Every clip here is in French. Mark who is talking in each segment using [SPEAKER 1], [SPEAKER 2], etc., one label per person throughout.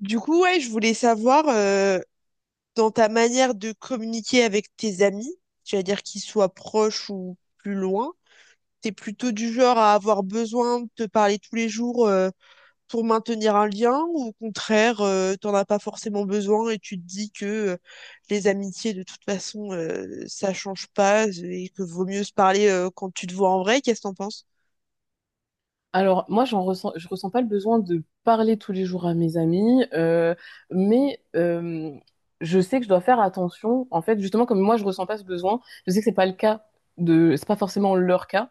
[SPEAKER 1] Du coup, ouais, je voulais savoir dans ta manière de communiquer avec tes amis, c'est-à-dire qu'ils soient proches ou plus loin, t'es plutôt du genre à avoir besoin de te parler tous les jours pour maintenir un lien ou au contraire, t'en as pas forcément besoin et tu te dis que les amitiés de toute façon ça change pas et que vaut mieux se parler quand tu te vois en vrai. Qu'est-ce que t'en penses?
[SPEAKER 2] Alors, moi, je ressens pas le besoin de parler tous les jours à mes amis, mais je sais que je dois faire attention. En fait, justement, comme moi, je ressens pas ce besoin, je sais que c'est pas forcément leur cas.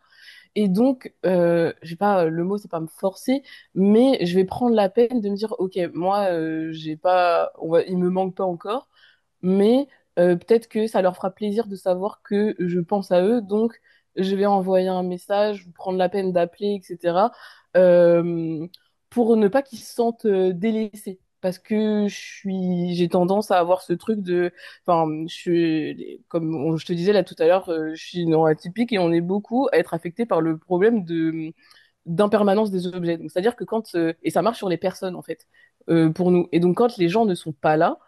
[SPEAKER 2] Et donc, j'ai pas le mot, c'est pas me forcer, mais je vais prendre la peine de me dire, ok, moi, j'ai pas, on va, il me manque pas encore, mais peut-être que ça leur fera plaisir de savoir que je pense à eux, donc je vais envoyer un message, prendre la peine d'appeler, etc., euh, pour ne pas qu'ils se sentent délaissés. Parce que j'ai tendance à avoir ce truc de, enfin, je suis, comme on- je te disais là tout à l'heure, je suis neuroatypique et on est beaucoup à être affecté par le problème de d'impermanence des objets. Donc, c'est-à-dire que quand, et ça marche sur les personnes en fait, pour nous. Et donc quand les gens ne sont pas là,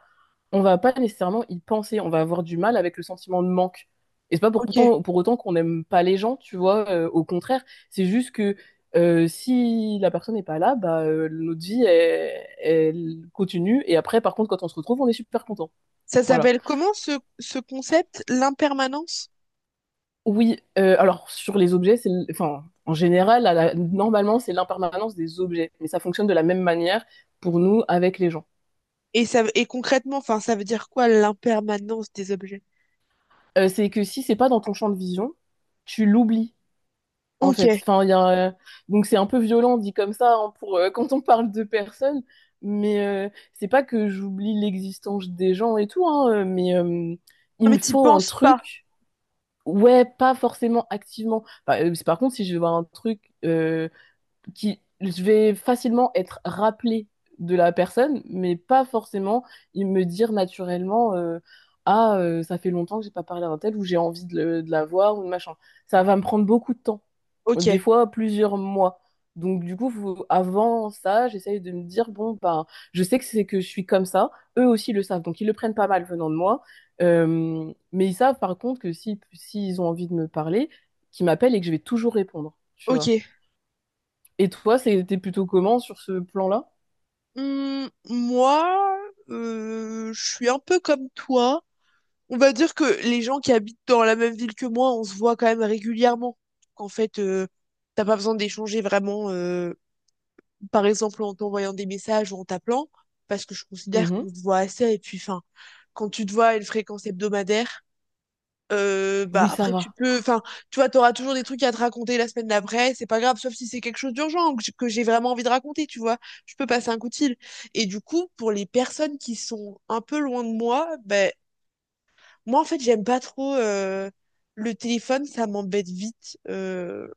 [SPEAKER 2] on va pas nécessairement y penser, on va avoir du mal avec le sentiment de manque. Et c'est pas
[SPEAKER 1] Ok.
[SPEAKER 2] pour autant qu'on n'aime pas les gens, tu vois, au contraire, c'est juste que si la personne n'est pas là, bah, notre vie, elle, elle continue, et après, par contre, quand on se retrouve, on est super content.
[SPEAKER 1] Ça
[SPEAKER 2] Voilà.
[SPEAKER 1] s'appelle comment ce concept, l'impermanence?
[SPEAKER 2] Oui, alors sur les objets, enfin, en général, normalement, c'est l'impermanence des objets, mais ça fonctionne de la même manière pour nous avec les gens.
[SPEAKER 1] Et ça, et concrètement, enfin, ça veut dire quoi l'impermanence des objets?
[SPEAKER 2] C'est que si c'est pas dans ton champ de vision, tu l'oublies en
[SPEAKER 1] Ok.
[SPEAKER 2] fait.
[SPEAKER 1] Non,
[SPEAKER 2] Enfin, il y a, donc c'est un peu violent dit comme ça, hein, pour quand on parle de personnes, mais c'est pas que j'oublie l'existence des gens et tout, hein, mais il
[SPEAKER 1] mais
[SPEAKER 2] me
[SPEAKER 1] t'y
[SPEAKER 2] faut un
[SPEAKER 1] penses pas.
[SPEAKER 2] truc, ouais, pas forcément activement. Par contre, si je veux voir un truc qui, je vais facilement être rappelée de la personne, mais pas forcément il me dire naturellement, ah, ça fait longtemps que j'ai pas parlé d'un tel, ou j'ai envie de la voir, ou de machin. Ça va me prendre beaucoup de temps,
[SPEAKER 1] Ok.
[SPEAKER 2] des fois plusieurs mois. Donc, du coup, avant ça, j'essaye de me dire, bon, bah, je sais que c'est que je suis comme ça, eux aussi le savent, donc ils le prennent pas mal venant de moi. Mais ils savent par contre que si, s'ils ont envie de me parler, qu'ils m'appellent et que je vais toujours répondre, tu vois.
[SPEAKER 1] Ok.
[SPEAKER 2] Et toi, c'était plutôt comment sur ce plan-là?
[SPEAKER 1] Hmm, moi, je suis un peu comme toi. On va dire que les gens qui habitent dans la même ville que moi, on se voit quand même régulièrement. Qu'en fait, t'as pas besoin d'échanger vraiment, par exemple, en t'envoyant des messages ou en t'appelant, parce que je considère
[SPEAKER 2] Mhm.
[SPEAKER 1] qu'on se voit assez. Et puis, enfin, quand tu te vois à une fréquence hebdomadaire, bah
[SPEAKER 2] Oui, ça
[SPEAKER 1] après tu
[SPEAKER 2] va.
[SPEAKER 1] peux, enfin tu vois, t'auras toujours des trucs à te raconter la semaine d'après, c'est pas grave, sauf si c'est quelque chose d'urgent ou que que j'ai vraiment envie de raconter, tu vois, je peux passer un coup de fil. Et du coup, pour les personnes qui sont un peu loin de moi, ben moi en fait j'aime pas trop le téléphone, ça m'embête vite.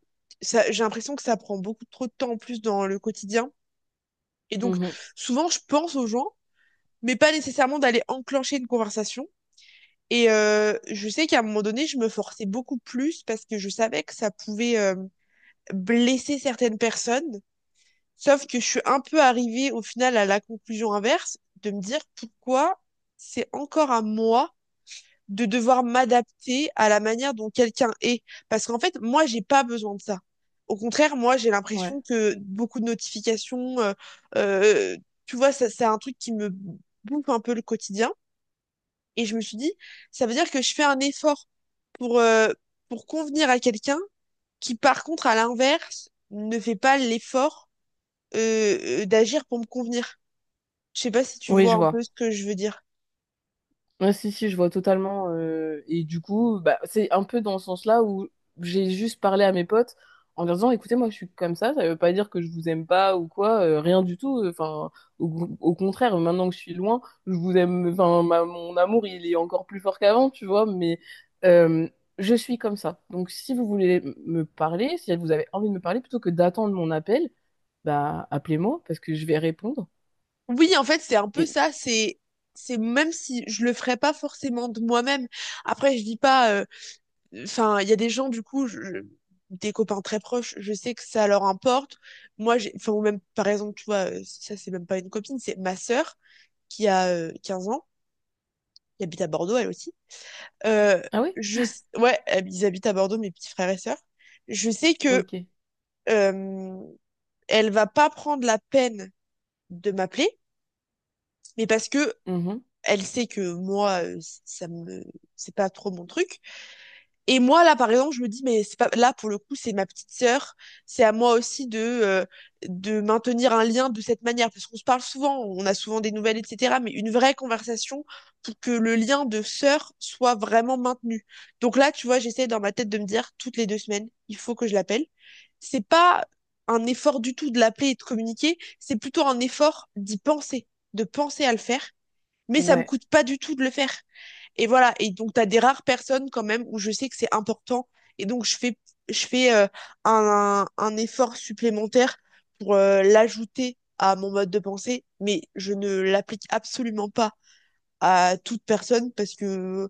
[SPEAKER 1] Ça, j'ai l'impression que ça prend beaucoup trop de temps en plus dans le quotidien. Et donc
[SPEAKER 2] Mhm.
[SPEAKER 1] souvent je pense aux gens, mais pas nécessairement d'aller enclencher une conversation. Et je sais qu'à un moment donné, je me forçais beaucoup plus parce que je savais que ça pouvait blesser certaines personnes. Sauf que je suis un peu arrivée au final à la conclusion inverse de me dire pourquoi c'est encore à moi de devoir m'adapter à la manière dont quelqu'un est. Parce qu'en fait, moi, j'ai pas besoin de ça. Au contraire, moi, j'ai
[SPEAKER 2] Ouais.
[SPEAKER 1] l'impression que beaucoup de notifications, euh, tu vois, ça, c'est un truc qui me bouffe un peu le quotidien. Et je me suis dit, ça veut dire que je fais un effort pour, euh, pour convenir à quelqu'un qui, par contre, à l'inverse, ne fait pas l'effort d'agir pour me convenir. Je sais pas si tu
[SPEAKER 2] Oui,
[SPEAKER 1] vois
[SPEAKER 2] je
[SPEAKER 1] un peu
[SPEAKER 2] vois.
[SPEAKER 1] ce que je veux dire.
[SPEAKER 2] Ouais, si, si, je vois totalement. Et du coup, bah, c'est un peu dans ce sens-là où j'ai juste parlé à mes potes en leur disant, écoutez, moi, je suis comme ça veut pas dire que je vous aime pas ou quoi, rien du tout. Enfin, au contraire, maintenant que je suis loin, je vous aime, enfin, mon amour, il est encore plus fort qu'avant, tu vois, mais euh, je suis comme ça. Donc, si vous voulez me parler, si vous avez envie de me parler, plutôt que d'attendre mon appel, bah, appelez-moi parce que je vais répondre.
[SPEAKER 1] Oui, en fait, c'est un peu
[SPEAKER 2] Et...
[SPEAKER 1] ça. C'est même si je le ferais pas forcément de moi-même. Après, je dis pas. Enfin, il y a des gens, du coup, des copains très proches, je sais que ça leur importe. Moi, j'ai, enfin, ou même, par exemple, tu vois, ça, c'est même pas une copine, c'est ma sœur qui a 15 ans, qui habite à Bordeaux, elle aussi. Euh,
[SPEAKER 2] Ah oui?
[SPEAKER 1] je... Ouais, ils habitent à Bordeaux, mes petits frères et sœurs. Je sais que
[SPEAKER 2] Ok.
[SPEAKER 1] euh, elle va pas prendre la peine de m'appeler, mais parce que
[SPEAKER 2] Mhm.
[SPEAKER 1] elle sait que moi, ça me, c'est pas trop mon truc. Et moi, là, par exemple, je me dis, mais c'est pas, là, pour le coup, c'est ma petite sœur. C'est à moi aussi de maintenir un lien de cette manière. Parce qu'on se parle souvent, on a souvent des nouvelles, etc. Mais une vraie conversation pour que le lien de sœur soit vraiment maintenu. Donc là, tu vois, j'essaie dans ma tête de me dire, toutes les 2 semaines, il faut que je l'appelle. C'est pas un effort du tout de l'appeler et de communiquer. C'est plutôt un effort d'y penser, de penser à le faire mais ça me
[SPEAKER 2] Ouais.
[SPEAKER 1] coûte pas du tout de le faire. Et voilà. Et donc, t'as des rares personnes quand même où je sais que c'est important. Et donc, je fais un effort supplémentaire pour l'ajouter à mon mode de pensée, mais je ne l'applique absolument pas à toute personne parce que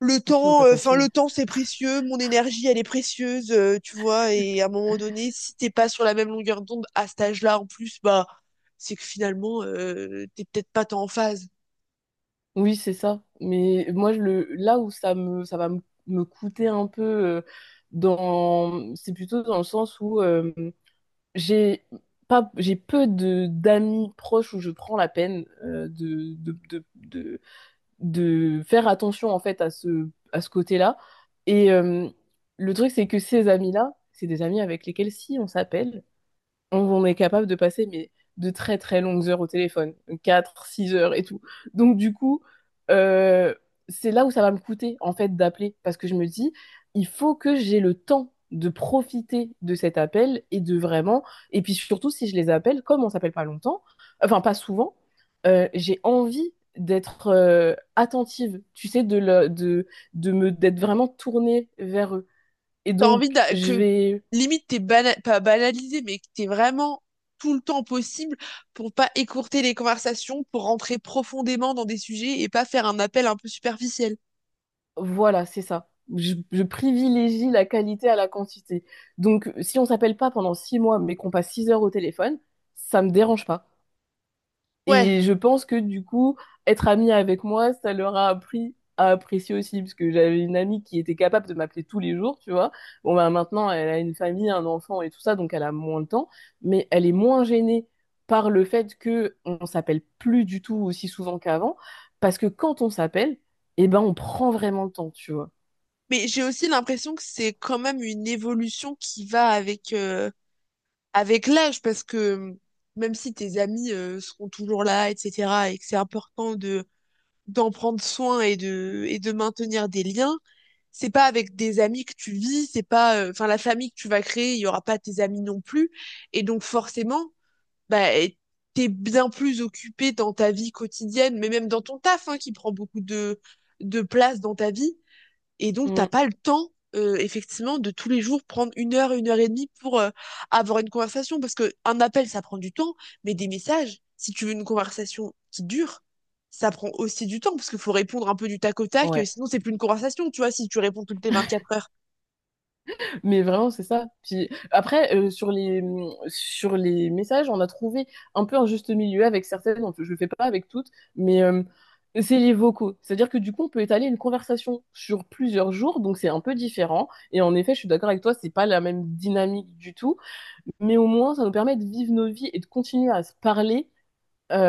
[SPEAKER 2] Ah, sinon, t'as pas
[SPEAKER 1] enfin, le
[SPEAKER 2] fini.
[SPEAKER 1] temps, c'est précieux, mon énergie, elle est précieuse, tu vois, et à un moment donné, si t'es pas sur la même longueur d'onde à cet âge-là, en plus, bah, c'est que finalement, t'es peut-être pas tant en phase.
[SPEAKER 2] Oui, c'est ça. Mais moi, là où ça va me coûter un peu, c'est plutôt dans le sens où j'ai pas, j'ai peu de d'amis proches où je prends la peine, de faire attention en fait à ce côté-là. Et le truc, c'est que ces amis-là, c'est des amis avec lesquels si on s'appelle, on est capable de passer, mais, de très très longues heures au téléphone, 4, 6 heures et tout. Donc du coup, euh, c'est là où ça va me coûter en fait d'appeler parce que je me dis, il faut que j'ai le temps de profiter de cet appel et de vraiment, et puis surtout si je les appelle, comme on s'appelle pas longtemps, enfin pas souvent, j'ai envie d'être attentive, tu sais, de, le- de me, d'être vraiment tournée vers eux. Et
[SPEAKER 1] T'as envie
[SPEAKER 2] donc, je
[SPEAKER 1] que
[SPEAKER 2] vais.
[SPEAKER 1] limite pas banalisé, mais que t'es vraiment tout le temps possible pour pas écourter les conversations, pour rentrer profondément dans des sujets et pas faire un appel un peu superficiel.
[SPEAKER 2] Voilà, c'est ça. Je privilégie la qualité à la quantité. Donc, si on s'appelle pas pendant 6 mois, mais qu'on passe 6 heures au téléphone, ça me dérange pas.
[SPEAKER 1] Ouais,
[SPEAKER 2] Et je pense que, du coup, être ami avec moi, ça leur a appris à apprécier aussi, parce que j'avais une amie qui était capable de m'appeler tous les jours, tu vois. Bon, bah, maintenant, elle a une famille, un enfant et tout ça, donc elle a moins de temps, mais elle est moins gênée par le fait que on s'appelle plus du tout aussi souvent qu'avant, parce que quand on s'appelle, eh ben, on prend vraiment le temps, tu vois.
[SPEAKER 1] mais j'ai aussi l'impression que c'est quand même une évolution qui va avec avec l'âge, parce que même si tes amis seront toujours là, etc., et que c'est important de d'en prendre soin et de maintenir des liens c'est pas avec des amis que tu vis, c'est pas, enfin, la famille que tu vas créer, il y aura pas tes amis non plus. Et donc, forcément, bah, t'es bien plus occupé dans ta vie quotidienne, mais même dans ton taf, hein, qui prend beaucoup de place dans ta vie, et donc, t'as
[SPEAKER 2] Mm.
[SPEAKER 1] pas le temps, effectivement, de tous les jours prendre 1 heure, 1 heure et demie pour avoir une conversation. Parce que un appel, ça prend du temps, mais des messages, si tu veux une conversation qui dure, ça prend aussi du temps, parce qu'il faut répondre un peu du tac au tac,
[SPEAKER 2] Ouais,
[SPEAKER 1] sinon c'est plus une conversation, tu vois, si tu réponds toutes les 24 heures.
[SPEAKER 2] mais vraiment c'est ça. Puis après, sur les sur les messages, on a trouvé un peu un juste milieu avec certaines. Je le fais pas avec toutes, mais c'est les vocaux. C'est-à-dire que, du coup, on peut étaler une conversation sur plusieurs jours, donc c'est un peu différent. Et en effet, je suis d'accord avec toi, c'est pas la même dynamique du tout. Mais au moins, ça nous permet de vivre nos vies et de continuer à se parler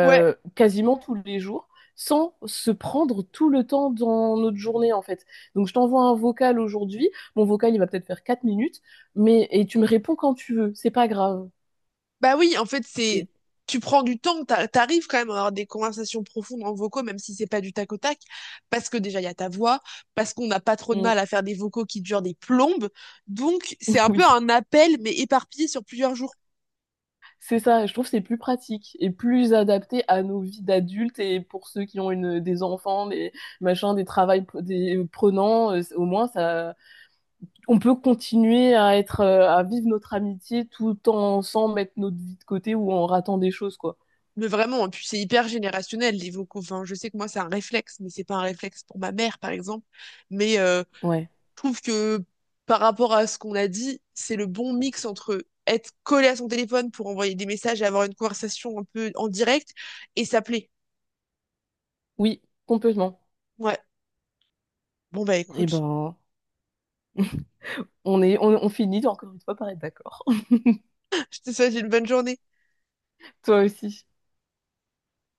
[SPEAKER 1] Ouais.
[SPEAKER 2] quasiment tous les jours sans se prendre tout le temps dans notre journée en fait. Donc je t'envoie un vocal aujourd'hui, mon vocal il va peut-être faire 4 minutes, mais et tu me réponds quand tu veux, c'est pas grave.
[SPEAKER 1] Bah oui, en fait, c'est
[SPEAKER 2] Et,
[SPEAKER 1] tu prends du temps, t'arrives quand même à avoir des conversations profondes en vocaux, même si c'est pas du tac au tac, parce que déjà il y a ta voix, parce qu'on n'a pas trop de
[SPEAKER 2] Mm,
[SPEAKER 1] mal à faire des vocaux qui durent des plombes, donc c'est un
[SPEAKER 2] oui,
[SPEAKER 1] peu un appel mais éparpillé sur plusieurs jours.
[SPEAKER 2] c'est ça, je trouve que c'est plus pratique et plus adapté à nos vies d'adultes, et pour ceux qui ont des enfants, des machins, des prenants, au moins ça on peut continuer à vivre notre amitié tout en sans mettre notre vie de côté ou en ratant des choses, quoi.
[SPEAKER 1] Mais vraiment, et puis c'est hyper générationnel les vocaux. Enfin, je sais que moi c'est un réflexe, mais c'est pas un réflexe pour ma mère par exemple. Mais
[SPEAKER 2] Ouais.
[SPEAKER 1] je trouve que par rapport à ce qu'on a dit, c'est le bon mix entre être collé à son téléphone pour envoyer des messages et avoir une conversation un peu en direct et s'appeler.
[SPEAKER 2] Oui, complètement.
[SPEAKER 1] Ouais. Bon bah
[SPEAKER 2] Eh
[SPEAKER 1] écoute,
[SPEAKER 2] ben, on finit encore une fois par être d'accord.
[SPEAKER 1] je te souhaite une bonne journée.
[SPEAKER 2] Toi aussi.